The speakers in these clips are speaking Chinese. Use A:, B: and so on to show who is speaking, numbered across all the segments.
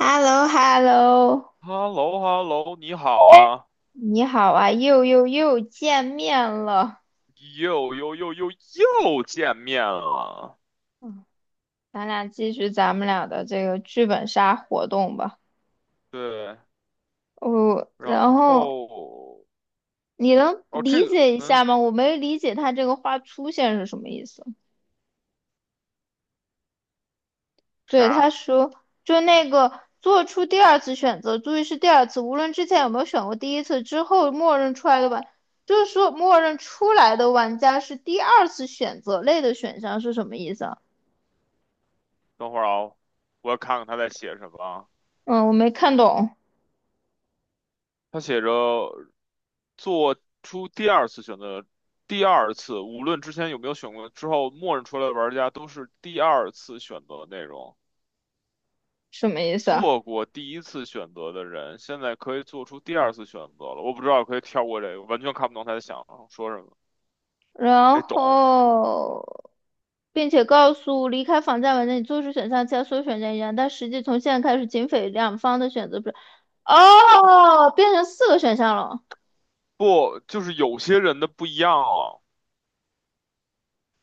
A: h e l l o h e l l o
B: h e l l o h e l l o 你好啊，
A: 你好啊，又见面了，
B: 又又又又又见面了。
A: 咱俩继续咱们俩的这个剧本杀活动吧。
B: 对，
A: 哦，然
B: 然
A: 后
B: 后
A: 你能
B: 哦，这
A: 理
B: 个
A: 解一下吗？我没理解他这个话出现是什么意思。对，
B: 啥？
A: 他说就那个做出第二次选择，注意是第二次，无论之前有没有选过第一次，之后默认出来的玩，就是说默认出来的玩家是第二次选择类的选项是什么意思啊？
B: 等会儿啊，我要看看他在写什么啊。
A: 嗯，我没看懂。
B: 他写着做出第二次选择，第二次无论之前有没有选过，之后默认出来的玩家都是第二次选择的内容。
A: 什么意思啊？
B: 做过第一次选择的人，现在可以做出第二次选择了。我不知道可以跳过这个，完全看不懂他在想说什么。
A: 然
B: 没懂，
A: 后，并且告诉离开房间文家，你，做出选项其他所有选项一样，但实际从现在开始，警匪两方的选择不是哦，变成四个选项了。
B: 不，就是有些人的不一样啊。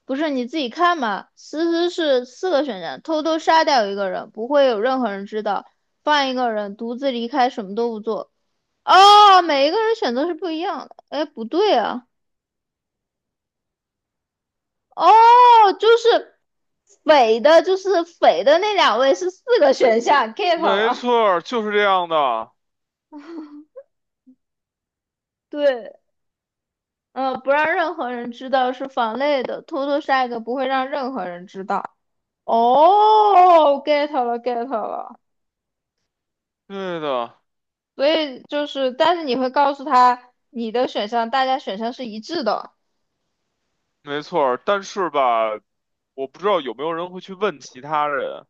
A: 不是你自己看嘛？思思是四个选项：偷偷杀掉一个人，不会有任何人知道；放一个人独自离开，什么都不做。哦，每一个人选择是不一样的。哎，不对啊。哦，就是匪的，就是匪的那两位是四个选项，get 了
B: 没
A: 啊。
B: 错儿，就是这样的，
A: 对，不让任何人知道是防内的，偷偷杀一个不会让任何人知道。哦，get 了，get 了。
B: 对的，
A: 所以就是，但是你会告诉他你的选项，大家选项是一致的，
B: 没错儿。但是吧，我不知道有没有人会去问其他人。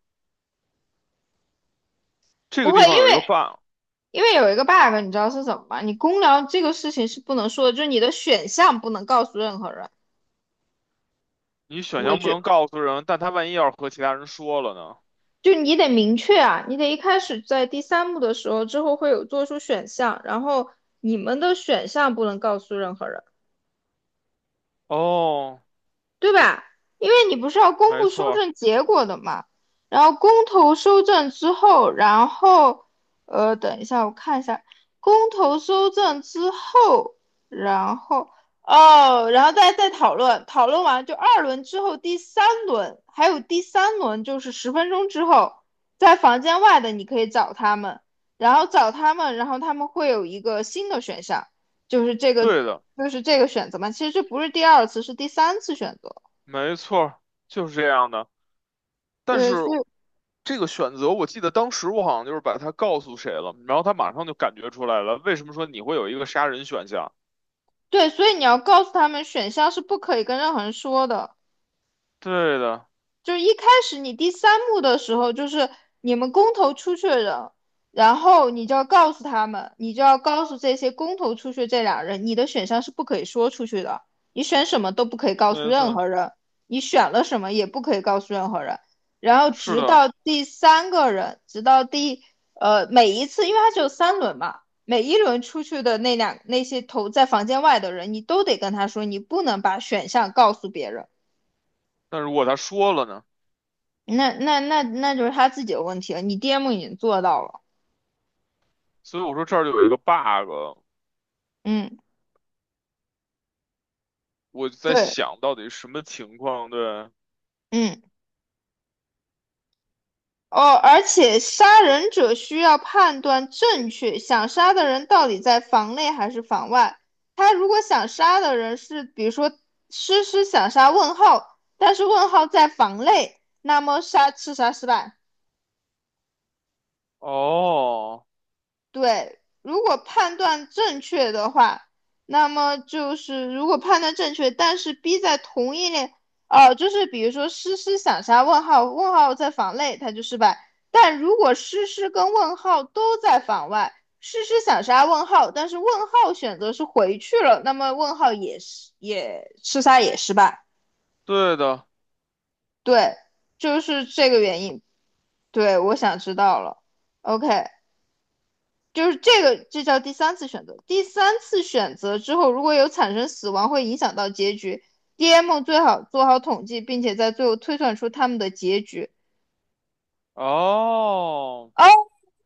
B: 这
A: 不
B: 个
A: 会，
B: 地
A: 因
B: 方有一个
A: 为
B: bug，
A: 因为有一个 bug，你知道是什么吗？你公聊这个事情是不能说的，就是你的选项不能告诉任何人。
B: 你选
A: 我
B: 项不
A: 觉
B: 能告诉人，但他万一要是和其他人说了呢？
A: 就你得明确啊，你得一开始在第三幕的时候之后会有做出选项，然后你们的选项不能告诉任何人。
B: 哦，
A: 对吧？因为你不是要公
B: 没
A: 布收
B: 错儿，
A: 证结果的嘛，然后公投收证之后，然后等一下我看一下，公投收证之后，然后哦，然后再讨论，讨论完就2轮之后第三轮，还有第三轮就是十分钟之后，在房间外的你可以找他们，然后找他们，然后他们会有一个新的选项，就是这个
B: 对的，
A: 就是这个选择嘛。其实这不是第二次，是第三次选择。
B: 没错儿，就是这样的。但是
A: 对，所以
B: 这个选择，我记得当时我好像就是把它告诉谁了，然后他马上就感觉出来了。为什么说你会有一个杀人选项？
A: 对，所以你要告诉他们，选项是不可以跟任何人说的。
B: 对的。
A: 就是一开始你第三幕的时候，就是你们公投出去的人，然后你就要告诉他们，你就要告诉这些公投出去这俩人，你的选项是不可以说出去的，你选什么都不可以告诉
B: 没
A: 任
B: 错，
A: 何人，你选了什么也不可以告诉任何人。然后
B: 是
A: 直
B: 的。
A: 到第3个人，直到第每一次，因为它只有三轮嘛，每一轮出去的那两那些投在房间外的人，你都得跟他说，你不能把选项告诉别人。
B: 但如果他说了呢？
A: 那就是他自己的问题了。你 DM 已经做到了，
B: 所以我说这儿就有一个 bug，
A: 嗯，
B: 我就在
A: 对，
B: 想到底什么情况？对，
A: 嗯，哦，而且杀人者需要判断正确，想杀的人到底在房内还是房外。他如果想杀的人是，比如说诗诗想杀问号，但是问号在房内，那么杀刺杀失败。
B: 哦，
A: 对，如果判断正确的话，那么就是如果判断正确，但是 B 在同一类，哦，就是比如说诗诗想杀问号，问号在房内，它就失败。但如果诗诗跟问号都在房外，诗诗想杀问号，但是问号选择是回去了，那么问号也是也吃杀也失败。
B: 对的，
A: 对，就是这个原因。对，我想知道了。OK。就是这个，这叫第三次选择。第三次选择之后，如果有产生死亡，会影响到结局。DM 最好做好统计，并且在最后推算出他们的结局。
B: 哦，
A: 哦，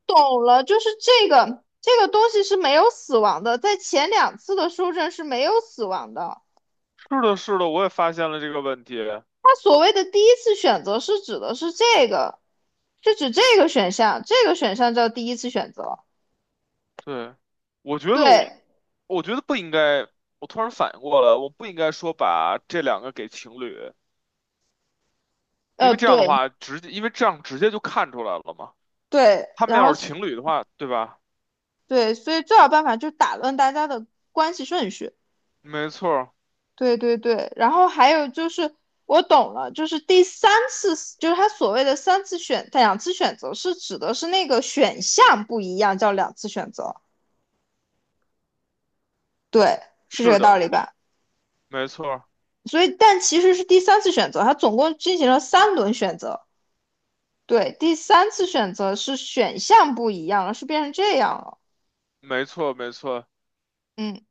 A: 懂了，就是这个东西是没有死亡的，在前两次的修正是没有死亡的。
B: 是的，是的，我也发现了这个问题。
A: 它所谓的第一次选择是指的是这个，是指这个选项，这个选项叫第一次选择。
B: 对，我觉得我，
A: 对，
B: 我觉得不应该。我突然反应过来，我不应该说把这两个给情侣，因为这样的
A: 对
B: 话直接，因为这样直接就看出来了嘛。
A: 对，
B: 他
A: 然
B: 们
A: 后
B: 要是情侣的话，对吧？
A: 对，所以最好办法就是打乱大家的关系顺序。
B: 没错儿，
A: 对对对，然后还有就是我懂了，就是第三次，就是他所谓的三次选两次选择，是指的是那个选项不一样，叫两次选择。对，是这
B: 是
A: 个道
B: 的，
A: 理吧？
B: 没错儿，
A: 所以，但其实是第三次选择，他总共进行了3轮选择。对，第三次选择是选项不一样了，是变成这样了。
B: 没错儿，没错儿。
A: 嗯，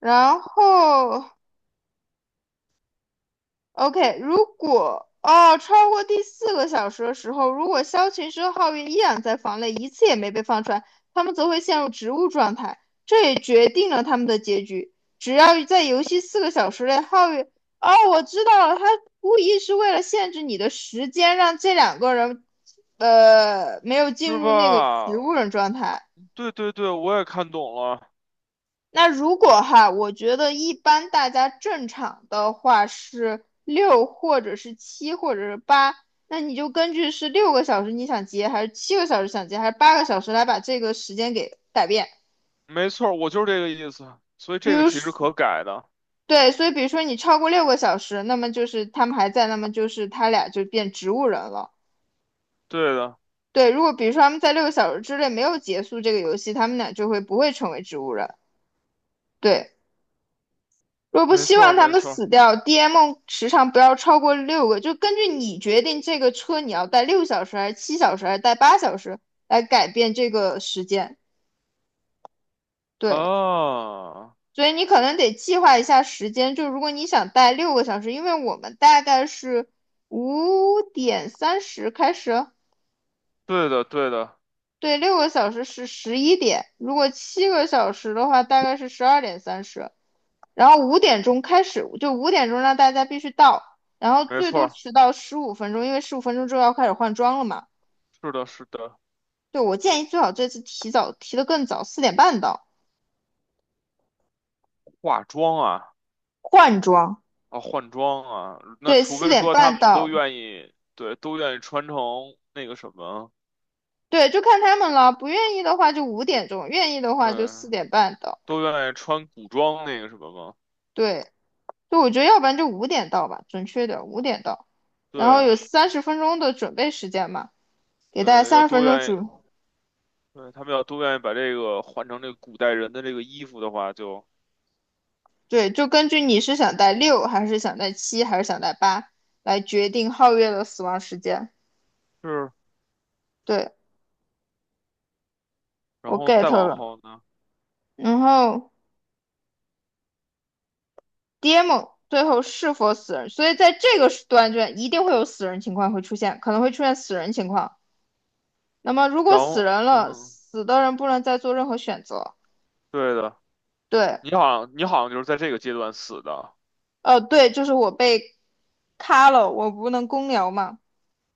A: 然后 OK，如果哦超过第4个小时的时候，如果枭群之皓月依然在房内，一次也没被放出来，他们则会陷入植物状态，这也决定了他们的结局。只要在游戏四个小时内，皓月哦，我知道了，他故意是为了限制你的时间，让这两个人没有
B: 是
A: 进入那个植
B: 吧？
A: 物人状态。
B: 对对对，我也看懂了，
A: 那如果哈，我觉得一般大家正常的话是六或者是七或者是八，那你就根据是六个小时你想结还是七个小时想结还是8个小时来把这个时间给改变。
B: 没错儿，我就是这个意思。所以
A: 比
B: 这个
A: 如
B: 其
A: 说，
B: 实可改的，
A: 对，所以比如说你超过六个小时，那么就是他们还在，那么就是他俩就变植物人了。
B: 对的，
A: 对，如果比如说他们在六个小时之内没有结束这个游戏，他们俩就会不会成为植物人。对。若不
B: 没
A: 希
B: 错儿
A: 望他
B: 没
A: 们
B: 错儿。
A: 死掉，DM 时长不要超过六个，就根据你决定这个车你要带6小时还是7小时还是带8小时来改变这个时间。对，
B: 啊，
A: 所以你可能得计划一下时间，就如果你想带六个小时，因为我们大概是5:30开始哦，
B: 对的对的，
A: 对，6个小时是11点，如果七个小时的话大概是12:30，然后五点钟开始，就五点钟让大家必须到，然后
B: 没
A: 最
B: 错
A: 多
B: 儿，
A: 迟到十五分钟，因为十五分钟之后要开始换装了嘛。
B: 是的是的。
A: 对，我建议最好这次提早提得更早，四点半到
B: 化妆啊
A: 换装。
B: 啊，换装啊，那
A: 对，
B: 除
A: 四
B: 非
A: 点
B: 说他
A: 半
B: 们都
A: 到，
B: 愿意，对，都愿意穿成那个什么，
A: 对，就看他们了。不愿意的话就五点钟，愿意的话就
B: 对，
A: 四点半到。
B: 都愿意穿古装那个什么吗？
A: 对，就我觉得要不然就五点到吧，准确点，五点到。然后
B: 对
A: 有三十分钟的准备时间嘛，给大家
B: 对，要
A: 三十
B: 都
A: 分钟
B: 愿意，
A: 准
B: 对，他们要都愿意把这个换成这个古代人的这个衣服的话就。
A: 对，就根据你是想带六，还是想带七，还是想带八，来决定皓月的死亡时间。
B: 是。
A: 对，
B: 然
A: 我
B: 后
A: get
B: 再往
A: 了。
B: 后呢，
A: 然后 DM 最后是否死人，所以在这个段卷一定会有死人情况会出现，可能会出现死人情况。那么如果
B: 然
A: 死
B: 后
A: 人
B: 嗯
A: 了，
B: 哼，
A: 死的人不能再做任何选择。
B: 对的，
A: 对，
B: 你好像就是在这个阶段死的，
A: 对，就是我被卡了，我不能公聊嘛。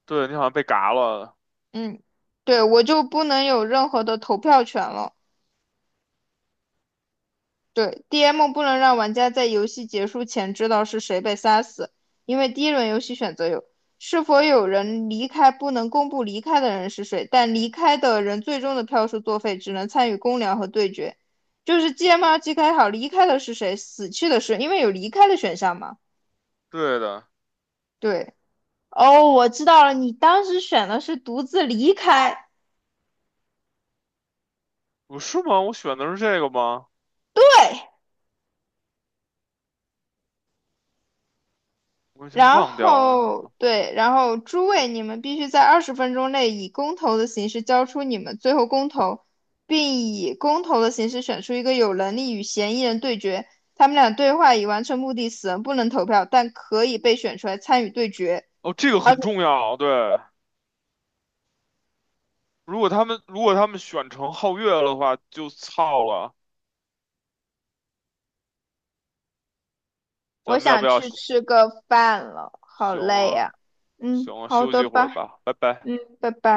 B: 对你好像被嘎了，
A: 嗯，对，我就不能有任何的投票权了。对，DM 不能让玩家在游戏结束前知道是谁被杀死，因为第1轮游戏选择有是否有人离开，不能公布离开的人是谁，但离开的人最终的票数作废，只能参与公聊和对决。就是 GM 要记开好离开的是谁，死去的是，因为有离开的选项嘛。
B: 对的，
A: 对，哦，我知道了，你当时选的是独自离开。
B: 我是吗？我选的是这个吗？
A: 对，
B: 我已经
A: 然
B: 忘掉了。
A: 后对，然后诸位，你们必须在20分钟内以公投的形式交出你们最后公投，并以公投的形式选出一个有能力与嫌疑人对决。他们俩对话已完成目的，死人不能投票，但可以被选出来参与对决。
B: 哦，这个
A: 而
B: 很
A: 且
B: 重要，对。如果他们选成皓月了的话，就操了。
A: 我
B: 咱们要
A: 想
B: 不要？
A: 去吃个饭了，好
B: 行
A: 累呀、
B: 啊，
A: 嗯，
B: 行啊，
A: 好
B: 休息
A: 的
B: 一会儿
A: 吧，
B: 吧，拜拜。
A: 嗯，拜拜。